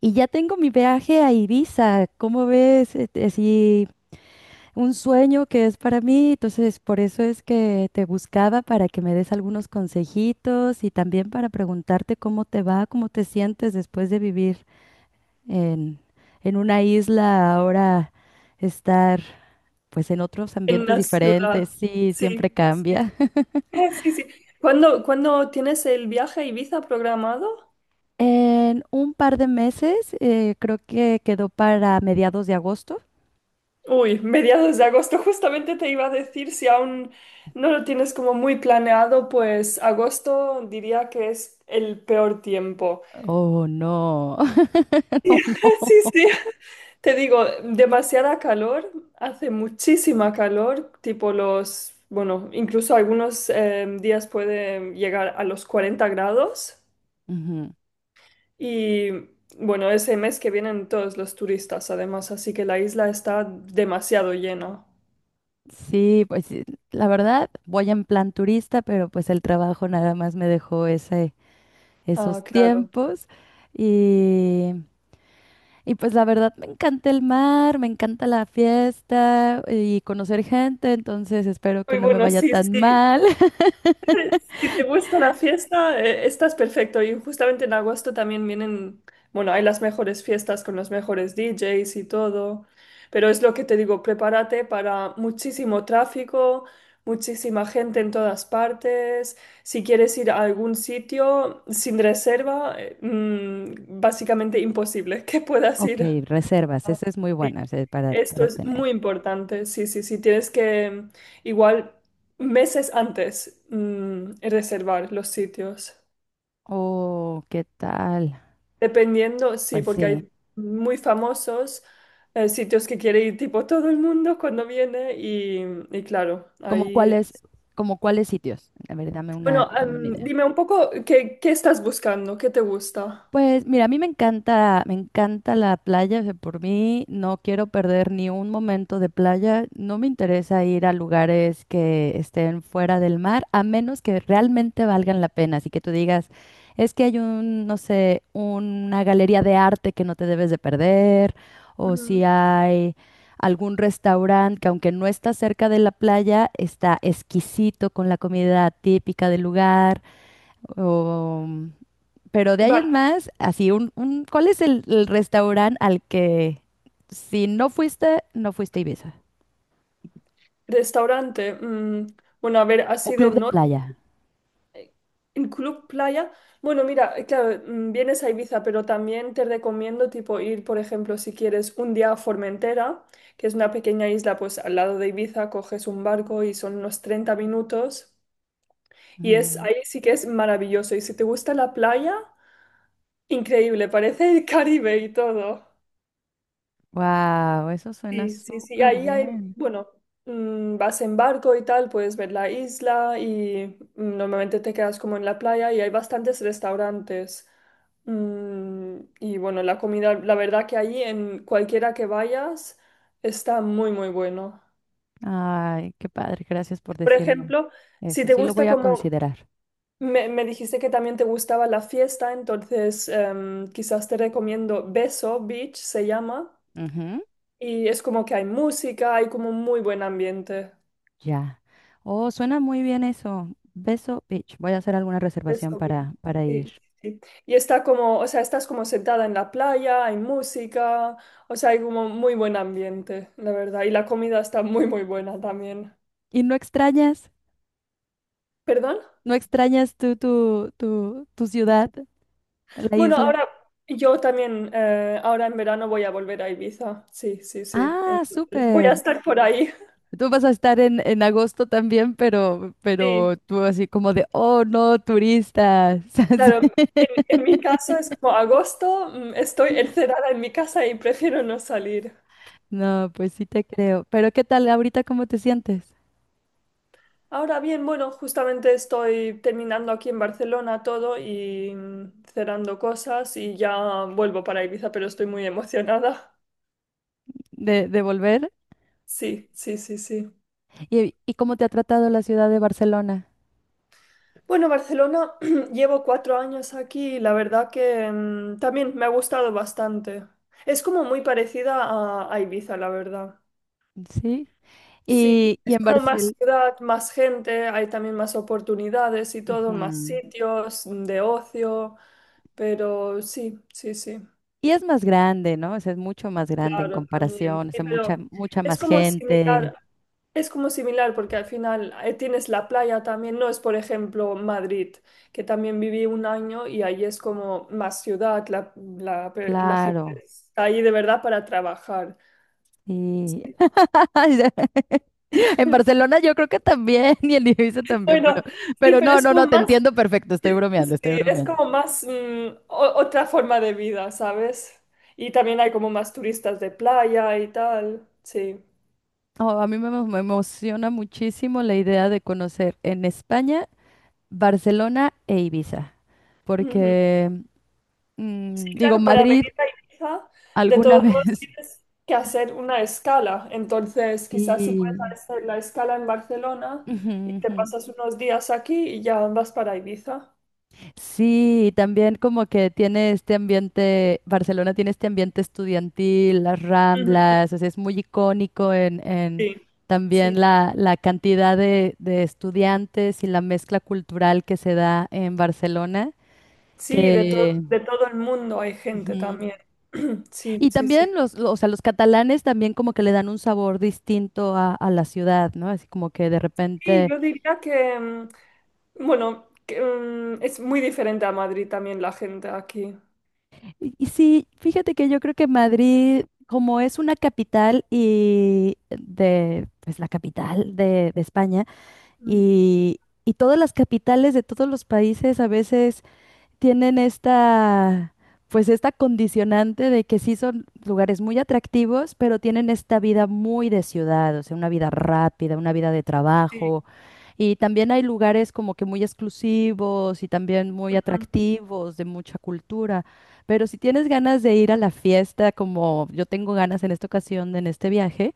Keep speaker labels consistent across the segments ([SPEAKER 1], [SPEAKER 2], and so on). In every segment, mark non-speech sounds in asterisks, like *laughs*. [SPEAKER 1] Y ya tengo mi viaje a Ibiza, ¿cómo ves? Así un sueño que es para mí, entonces por eso es que te buscaba para que me des algunos consejitos y también para preguntarte cómo te va, cómo te sientes después de vivir en, en una isla, ahora estar pues en otros
[SPEAKER 2] En
[SPEAKER 1] ambientes
[SPEAKER 2] la ciudad.
[SPEAKER 1] diferentes, sí, siempre
[SPEAKER 2] Sí, sí,
[SPEAKER 1] cambia. *laughs*
[SPEAKER 2] *laughs* sí, sí. ¿Cuándo tienes el viaje a Ibiza programado?
[SPEAKER 1] En un par de meses, creo que quedó para mediados de agosto.
[SPEAKER 2] Uy, mediados de agosto. *laughs* Justamente te iba a decir, si aún no lo tienes como muy planeado, pues agosto diría que es el peor tiempo.
[SPEAKER 1] Oh, no, *laughs* no,
[SPEAKER 2] *laughs* Sí,
[SPEAKER 1] no.
[SPEAKER 2] sí. Te digo, demasiada calor, hace muchísima calor, tipo los, bueno, incluso algunos días puede llegar a los 40 grados.
[SPEAKER 1] Ujú.
[SPEAKER 2] Y bueno, ese mes que vienen todos los turistas, además, así que la isla está demasiado llena.
[SPEAKER 1] Sí, pues sí, la verdad voy en plan turista, pero pues el trabajo nada más me dejó
[SPEAKER 2] Ah,
[SPEAKER 1] esos
[SPEAKER 2] claro.
[SPEAKER 1] tiempos y, y pues la verdad me encanta el mar, me encanta la fiesta y conocer gente, entonces espero que
[SPEAKER 2] Muy
[SPEAKER 1] no me
[SPEAKER 2] bueno,
[SPEAKER 1] vaya
[SPEAKER 2] sí,
[SPEAKER 1] tan
[SPEAKER 2] sí.
[SPEAKER 1] mal. *laughs*
[SPEAKER 2] Si te gusta la fiesta, estás perfecto. Y justamente en agosto también vienen, bueno, hay las mejores fiestas con los mejores DJs y todo. Pero es lo que te digo, prepárate para muchísimo tráfico, muchísima gente en todas partes. Si quieres ir a algún sitio sin reserva, básicamente imposible *laughs* que puedas
[SPEAKER 1] Ok,
[SPEAKER 2] ir.
[SPEAKER 1] reservas,
[SPEAKER 2] Ah,
[SPEAKER 1] esa es muy
[SPEAKER 2] sí.
[SPEAKER 1] buena, o sea,
[SPEAKER 2] Esto
[SPEAKER 1] para
[SPEAKER 2] es
[SPEAKER 1] tener.
[SPEAKER 2] muy importante, sí, sí, sí, tienes que igual meses antes, reservar los sitios.
[SPEAKER 1] Oh, ¿qué tal?
[SPEAKER 2] Dependiendo, sí,
[SPEAKER 1] Pues
[SPEAKER 2] porque
[SPEAKER 1] sí.
[SPEAKER 2] hay muy famosos sitios que quiere ir tipo todo el mundo cuando viene y claro,
[SPEAKER 1] ¿Como
[SPEAKER 2] ahí...
[SPEAKER 1] cuáles, ¿Como cuáles sitios? A ver,
[SPEAKER 2] Bueno,
[SPEAKER 1] dame una idea.
[SPEAKER 2] dime un poco qué estás buscando, qué te gusta.
[SPEAKER 1] Pues mira, a mí me encanta la playa, o sea, por mí no quiero perder ni un momento de playa, no me interesa ir a lugares que estén fuera del mar, a menos que realmente valgan la pena, así que tú digas, es que hay un, no sé, una galería de arte que no te debes de perder, o si
[SPEAKER 2] Ujú.
[SPEAKER 1] hay algún restaurante que aunque no está cerca de la playa, está exquisito con la comida típica del lugar, pero de ahí
[SPEAKER 2] Va-
[SPEAKER 1] en más, así, ¿cuál es el restaurante al que si no fuiste, no fuiste a Ibiza?
[SPEAKER 2] Restaurante. Bueno, a ver,
[SPEAKER 1] O
[SPEAKER 2] así de
[SPEAKER 1] club de
[SPEAKER 2] norte.
[SPEAKER 1] playa.
[SPEAKER 2] En Club Playa. Bueno, mira, claro, vienes a Ibiza, pero también te recomiendo tipo ir, por ejemplo, si quieres un día a Formentera, que es una pequeña isla, pues al lado de Ibiza, coges un barco y son unos 30 minutos. Y es ahí sí que es maravilloso. Y si te gusta la playa, increíble, parece el Caribe y todo.
[SPEAKER 1] Wow, eso suena
[SPEAKER 2] Sí, sí, sí,
[SPEAKER 1] súper
[SPEAKER 2] ahí hay,
[SPEAKER 1] bien.
[SPEAKER 2] bueno, vas en barco y tal, puedes ver la isla y normalmente te quedas como en la playa y hay bastantes restaurantes. Y bueno, la comida, la verdad que ahí en cualquiera que vayas está muy, muy bueno.
[SPEAKER 1] Ay, qué padre, gracias por
[SPEAKER 2] Por
[SPEAKER 1] decirme
[SPEAKER 2] ejemplo, si
[SPEAKER 1] eso.
[SPEAKER 2] te
[SPEAKER 1] Sí lo
[SPEAKER 2] gusta
[SPEAKER 1] voy a
[SPEAKER 2] como,
[SPEAKER 1] considerar.
[SPEAKER 2] me dijiste que también te gustaba la fiesta, entonces quizás te recomiendo Beso Beach, se llama,
[SPEAKER 1] Ujú.
[SPEAKER 2] y es como que hay música, hay como un muy buen ambiente.
[SPEAKER 1] Ya. Oh, suena muy bien eso. Beso Beach. Voy a hacer alguna
[SPEAKER 2] Es
[SPEAKER 1] reservación
[SPEAKER 2] obvio.
[SPEAKER 1] para
[SPEAKER 2] Sí,
[SPEAKER 1] ir.
[SPEAKER 2] sí, sí. Y está como, o sea, estás como sentada en la playa, hay música, o sea, hay como muy buen ambiente, la verdad. Y la comida está muy, muy buena también.
[SPEAKER 1] ¿Y no extrañas?
[SPEAKER 2] ¿Perdón?
[SPEAKER 1] ¿No extrañas tú tu ciudad, la
[SPEAKER 2] Bueno,
[SPEAKER 1] isla?
[SPEAKER 2] ahora yo también, ahora en verano voy a volver a Ibiza. Sí, sí, sí.
[SPEAKER 1] Ah,
[SPEAKER 2] Entonces voy a
[SPEAKER 1] súper.
[SPEAKER 2] estar por ahí.
[SPEAKER 1] Tú vas a estar en agosto también,
[SPEAKER 2] Sí,
[SPEAKER 1] pero tú así como de, oh, no, turistas. *laughs* Así.
[SPEAKER 2] claro. En mi caso es como agosto, estoy encerrada en mi casa y prefiero no salir.
[SPEAKER 1] No, pues sí te creo. Pero ¿qué tal ahorita cómo te sientes
[SPEAKER 2] Ahora bien, bueno, justamente estoy terminando aquí en Barcelona todo y cerrando cosas y ya vuelvo para Ibiza, pero estoy muy emocionada. *laughs*
[SPEAKER 1] de volver?
[SPEAKER 2] Sí, sí, sí, sí.
[SPEAKER 1] Y cómo te ha tratado la ciudad de Barcelona?
[SPEAKER 2] Bueno, Barcelona, *clears throat* llevo cuatro años aquí y la verdad que también me ha gustado bastante. Es como muy parecida a Ibiza, la verdad.
[SPEAKER 1] Sí.
[SPEAKER 2] Sí,
[SPEAKER 1] Y
[SPEAKER 2] es
[SPEAKER 1] en
[SPEAKER 2] como
[SPEAKER 1] Barcelona.
[SPEAKER 2] más ciudad, más gente, hay también más oportunidades y todo, más sitios de ocio, pero sí, sí, sí.
[SPEAKER 1] Y es más grande, ¿no? O sea, es mucho más grande en
[SPEAKER 2] Claro, también.
[SPEAKER 1] comparación, o
[SPEAKER 2] Sí,
[SPEAKER 1] sea,
[SPEAKER 2] pero
[SPEAKER 1] mucha
[SPEAKER 2] es
[SPEAKER 1] más
[SPEAKER 2] como
[SPEAKER 1] gente.
[SPEAKER 2] similar, es como similar porque al final tienes la playa también, no es por ejemplo Madrid, que también viví un año y ahí es como más ciudad, la gente
[SPEAKER 1] Claro.
[SPEAKER 2] está ahí de verdad para trabajar. *laughs*
[SPEAKER 1] Sí. *laughs* En Barcelona yo creo que también, y en Ibiza también,
[SPEAKER 2] Bueno, sí,
[SPEAKER 1] pero
[SPEAKER 2] pero es
[SPEAKER 1] no,
[SPEAKER 2] como
[SPEAKER 1] te
[SPEAKER 2] más,
[SPEAKER 1] entiendo perfecto, estoy
[SPEAKER 2] sí,
[SPEAKER 1] bromeando, estoy
[SPEAKER 2] es
[SPEAKER 1] bromeando.
[SPEAKER 2] como más otra forma de vida, ¿sabes? Y también hay como más turistas de playa y tal, sí.
[SPEAKER 1] Oh, a mí me, emo- me emociona muchísimo la idea de conocer en España, Barcelona e Ibiza,
[SPEAKER 2] Ujú.
[SPEAKER 1] porque,
[SPEAKER 2] Sí,
[SPEAKER 1] mm, digo,
[SPEAKER 2] claro, para
[SPEAKER 1] Madrid
[SPEAKER 2] venir a Ibiza, de
[SPEAKER 1] alguna
[SPEAKER 2] todos modos
[SPEAKER 1] vez. *laughs*
[SPEAKER 2] tienes que hacer una escala. Entonces, quizás si puedes
[SPEAKER 1] Sí.
[SPEAKER 2] hacer la escala en Barcelona
[SPEAKER 1] Ujú,
[SPEAKER 2] y te
[SPEAKER 1] ujú.
[SPEAKER 2] pasas unos días aquí y ya vas para Ibiza.
[SPEAKER 1] Sí, y también como que tiene este ambiente, Barcelona tiene este ambiente estudiantil, las
[SPEAKER 2] Ujú,
[SPEAKER 1] Ramblas, o sea, es muy icónico en
[SPEAKER 2] sí,
[SPEAKER 1] también
[SPEAKER 2] sí.
[SPEAKER 1] la cantidad de estudiantes y la mezcla cultural que se da en Barcelona,
[SPEAKER 2] Sí,
[SPEAKER 1] que...
[SPEAKER 2] de todo el mundo hay gente
[SPEAKER 1] Ujú.
[SPEAKER 2] también. *clears throat* Sí,
[SPEAKER 1] Y
[SPEAKER 2] sí, sí.
[SPEAKER 1] también o sea, los catalanes también como que le dan un sabor distinto a la ciudad, ¿no? Así como que de
[SPEAKER 2] Sí,
[SPEAKER 1] repente,
[SPEAKER 2] yo diría que, bueno, que, es muy diferente a Madrid también la gente aquí.
[SPEAKER 1] y sí, fíjate que yo creo que Madrid, como es una capital y de, pues la capital de España,
[SPEAKER 2] Mm,
[SPEAKER 1] y, y todas las capitales de todos los países a veces tienen esta, pues esta condicionante de que sí son lugares muy atractivos, pero tienen esta vida muy de ciudad, o sea, una vida rápida, una vida de
[SPEAKER 2] sí,
[SPEAKER 1] trabajo. Y también hay lugares como que muy exclusivos y también muy
[SPEAKER 2] ujú.
[SPEAKER 1] atractivos, de mucha cultura. Pero si tienes ganas de ir a la fiesta, como yo tengo ganas en esta ocasión, en este viaje,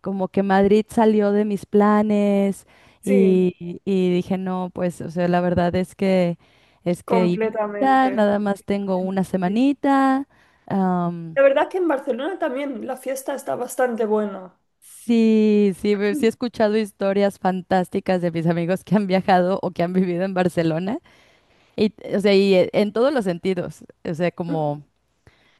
[SPEAKER 1] como que Madrid salió de mis planes
[SPEAKER 2] Sí,
[SPEAKER 1] y dije, no, pues, o sea, la verdad es que Ibiza,
[SPEAKER 2] completamente.
[SPEAKER 1] nada más tengo una
[SPEAKER 2] Sí.
[SPEAKER 1] semanita. Am,
[SPEAKER 2] La verdad que en Barcelona también la fiesta está bastante buena.
[SPEAKER 1] sí, sí he escuchado historias fantásticas de mis amigos que han viajado o que han vivido en Barcelona y, o sea, y en todos los sentidos, o sea, como...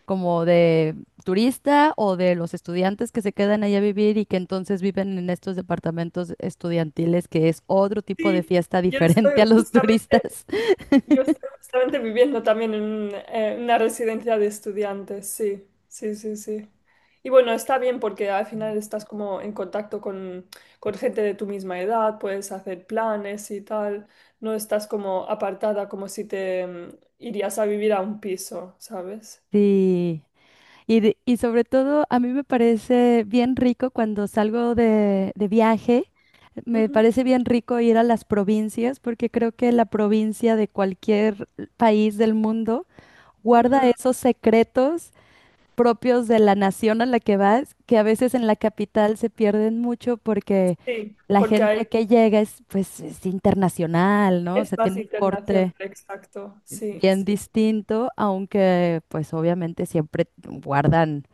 [SPEAKER 1] como de turista o de los estudiantes que se quedan ahí a vivir y que entonces viven en estos departamentos estudiantiles, que es otro tipo de
[SPEAKER 2] Sí,
[SPEAKER 1] fiesta *laughs*
[SPEAKER 2] yo
[SPEAKER 1] diferente a
[SPEAKER 2] estoy
[SPEAKER 1] los
[SPEAKER 2] justamente,
[SPEAKER 1] turistas. *laughs*
[SPEAKER 2] yo estoy justamente viviendo también en una residencia de estudiantes, sí, sí, sí, sí. Y bueno, está bien porque al final estás como en contacto con gente de tu misma edad, puedes hacer planes y tal, no estás como apartada como si te irías a vivir a un piso, ¿sabes?
[SPEAKER 1] Sí. Y, de- y sobre todo, a mí me parece bien rico cuando salgo de viaje, me
[SPEAKER 2] Ujú,
[SPEAKER 1] parece bien rico ir a las provincias, porque creo que la provincia de cualquier país del mundo guarda
[SPEAKER 2] ujú,
[SPEAKER 1] esos secretos propios de la nación a la que vas, que a veces en la capital se pierden mucho porque
[SPEAKER 2] sí,
[SPEAKER 1] la
[SPEAKER 2] porque hay
[SPEAKER 1] gente que llega es, pues, es internacional, ¿no? O
[SPEAKER 2] es
[SPEAKER 1] sea,
[SPEAKER 2] más
[SPEAKER 1] tiene un
[SPEAKER 2] internacional,
[SPEAKER 1] corte
[SPEAKER 2] exacto. Sí,
[SPEAKER 1] bien
[SPEAKER 2] sí, sí.
[SPEAKER 1] distinto, aunque, pues, obviamente siempre guardan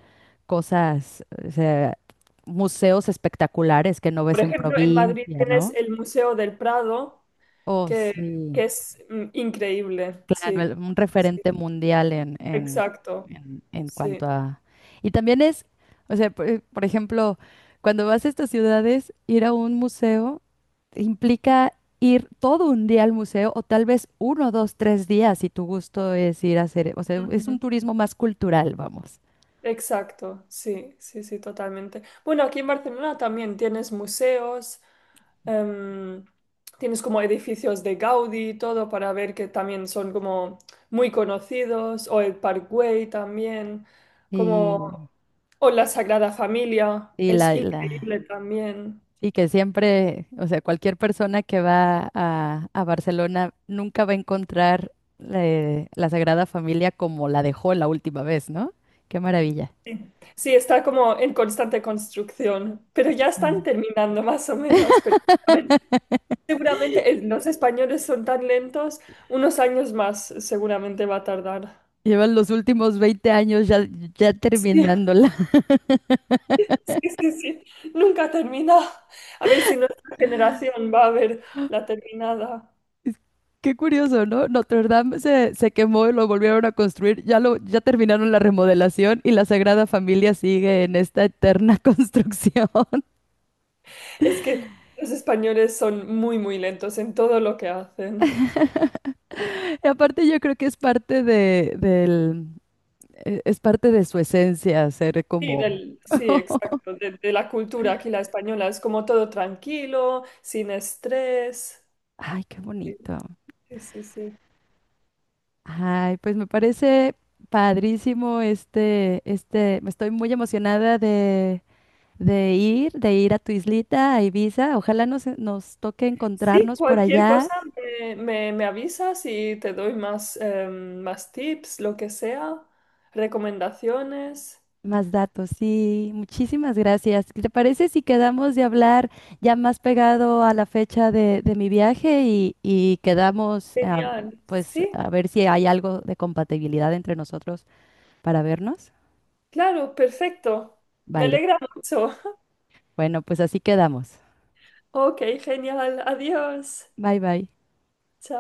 [SPEAKER 1] cosas, o sea, museos espectaculares que no
[SPEAKER 2] Por
[SPEAKER 1] ves en
[SPEAKER 2] ejemplo, en Madrid
[SPEAKER 1] provincia,
[SPEAKER 2] tienes
[SPEAKER 1] ¿no?
[SPEAKER 2] el Museo del Prado,
[SPEAKER 1] Oh,
[SPEAKER 2] que,
[SPEAKER 1] sí.
[SPEAKER 2] que es increíble. Sí,
[SPEAKER 1] El- un
[SPEAKER 2] sí, sí.
[SPEAKER 1] referente mundial
[SPEAKER 2] Exacto.
[SPEAKER 1] en
[SPEAKER 2] Sí.
[SPEAKER 1] cuanto a... Y también es, o sea, por ejemplo, cuando vas a estas ciudades, ir a un museo implica ir todo un día al museo o tal vez uno, dos, tres días si tu gusto es ir a hacer, o sea, es
[SPEAKER 2] Ujú.
[SPEAKER 1] un turismo más cultural, vamos.
[SPEAKER 2] Exacto, sí, sí, sí, totalmente. Bueno, aquí en Barcelona también tienes museos, em, tienes como edificios de Gaudí y todo para ver que también son como muy conocidos, o el Parkway también, como,
[SPEAKER 1] Y,
[SPEAKER 2] o la Sagrada Familia,
[SPEAKER 1] y
[SPEAKER 2] es
[SPEAKER 1] la,
[SPEAKER 2] increíble
[SPEAKER 1] la-
[SPEAKER 2] también.
[SPEAKER 1] Y que siempre, o sea, cualquier persona que va a Barcelona nunca va a encontrar la Sagrada Familia como la dejó la última vez, ¿no? Qué maravilla.
[SPEAKER 2] Sí, sí, está como en constante construcción, pero ya están
[SPEAKER 1] Sí.
[SPEAKER 2] terminando más o menos, pero seguramente los españoles son tan lentos, unos años más seguramente va a tardar.
[SPEAKER 1] Llevan los últimos 20 años ya, ya
[SPEAKER 2] Sí,
[SPEAKER 1] terminándola.
[SPEAKER 2] *laughs* sí, sí, sí. Nunca termina. A ver si nuestra generación va a ver la terminada.
[SPEAKER 1] *laughs* Qué curioso, ¿no? Notre Dame se quemó y lo volvieron a construir. Ya terminaron la remodelación y la Sagrada Familia sigue en esta eterna *laughs* construcción.
[SPEAKER 2] Es que los españoles son muy, muy lentos en todo lo que hacen.
[SPEAKER 1] Y aparte yo creo que es parte de, del e- Es parte de su esencia ser
[SPEAKER 2] Sí,
[SPEAKER 1] como,
[SPEAKER 2] sí, exacto. De la cultura aquí, la española, es como todo tranquilo, sin estrés.
[SPEAKER 1] ay, qué
[SPEAKER 2] Sí,
[SPEAKER 1] bonito.
[SPEAKER 2] sí, sí. Sí.
[SPEAKER 1] Ay, pues me parece padrísimo me estoy muy emocionada de ir a tu islita, a Ibiza. Ojalá nos toque
[SPEAKER 2] Sí,
[SPEAKER 1] encontrarnos por
[SPEAKER 2] cualquier
[SPEAKER 1] allá.
[SPEAKER 2] cosa me, me avisas y te doy más, más tips, lo que sea, recomendaciones.
[SPEAKER 1] Más datos, sí, muchísimas gracias. ¿Te parece si quedamos de hablar ya más pegado a la fecha de mi viaje y quedamos, ah,
[SPEAKER 2] Genial.
[SPEAKER 1] pues,
[SPEAKER 2] Sí,
[SPEAKER 1] a ver si hay algo de compatibilidad entre nosotros para vernos?
[SPEAKER 2] claro, perfecto. Me
[SPEAKER 1] Vale.
[SPEAKER 2] alegra mucho. *laughs*
[SPEAKER 1] Bueno, pues así quedamos.
[SPEAKER 2] Ok, genial. Adiós.
[SPEAKER 1] Bye bye.
[SPEAKER 2] Chao.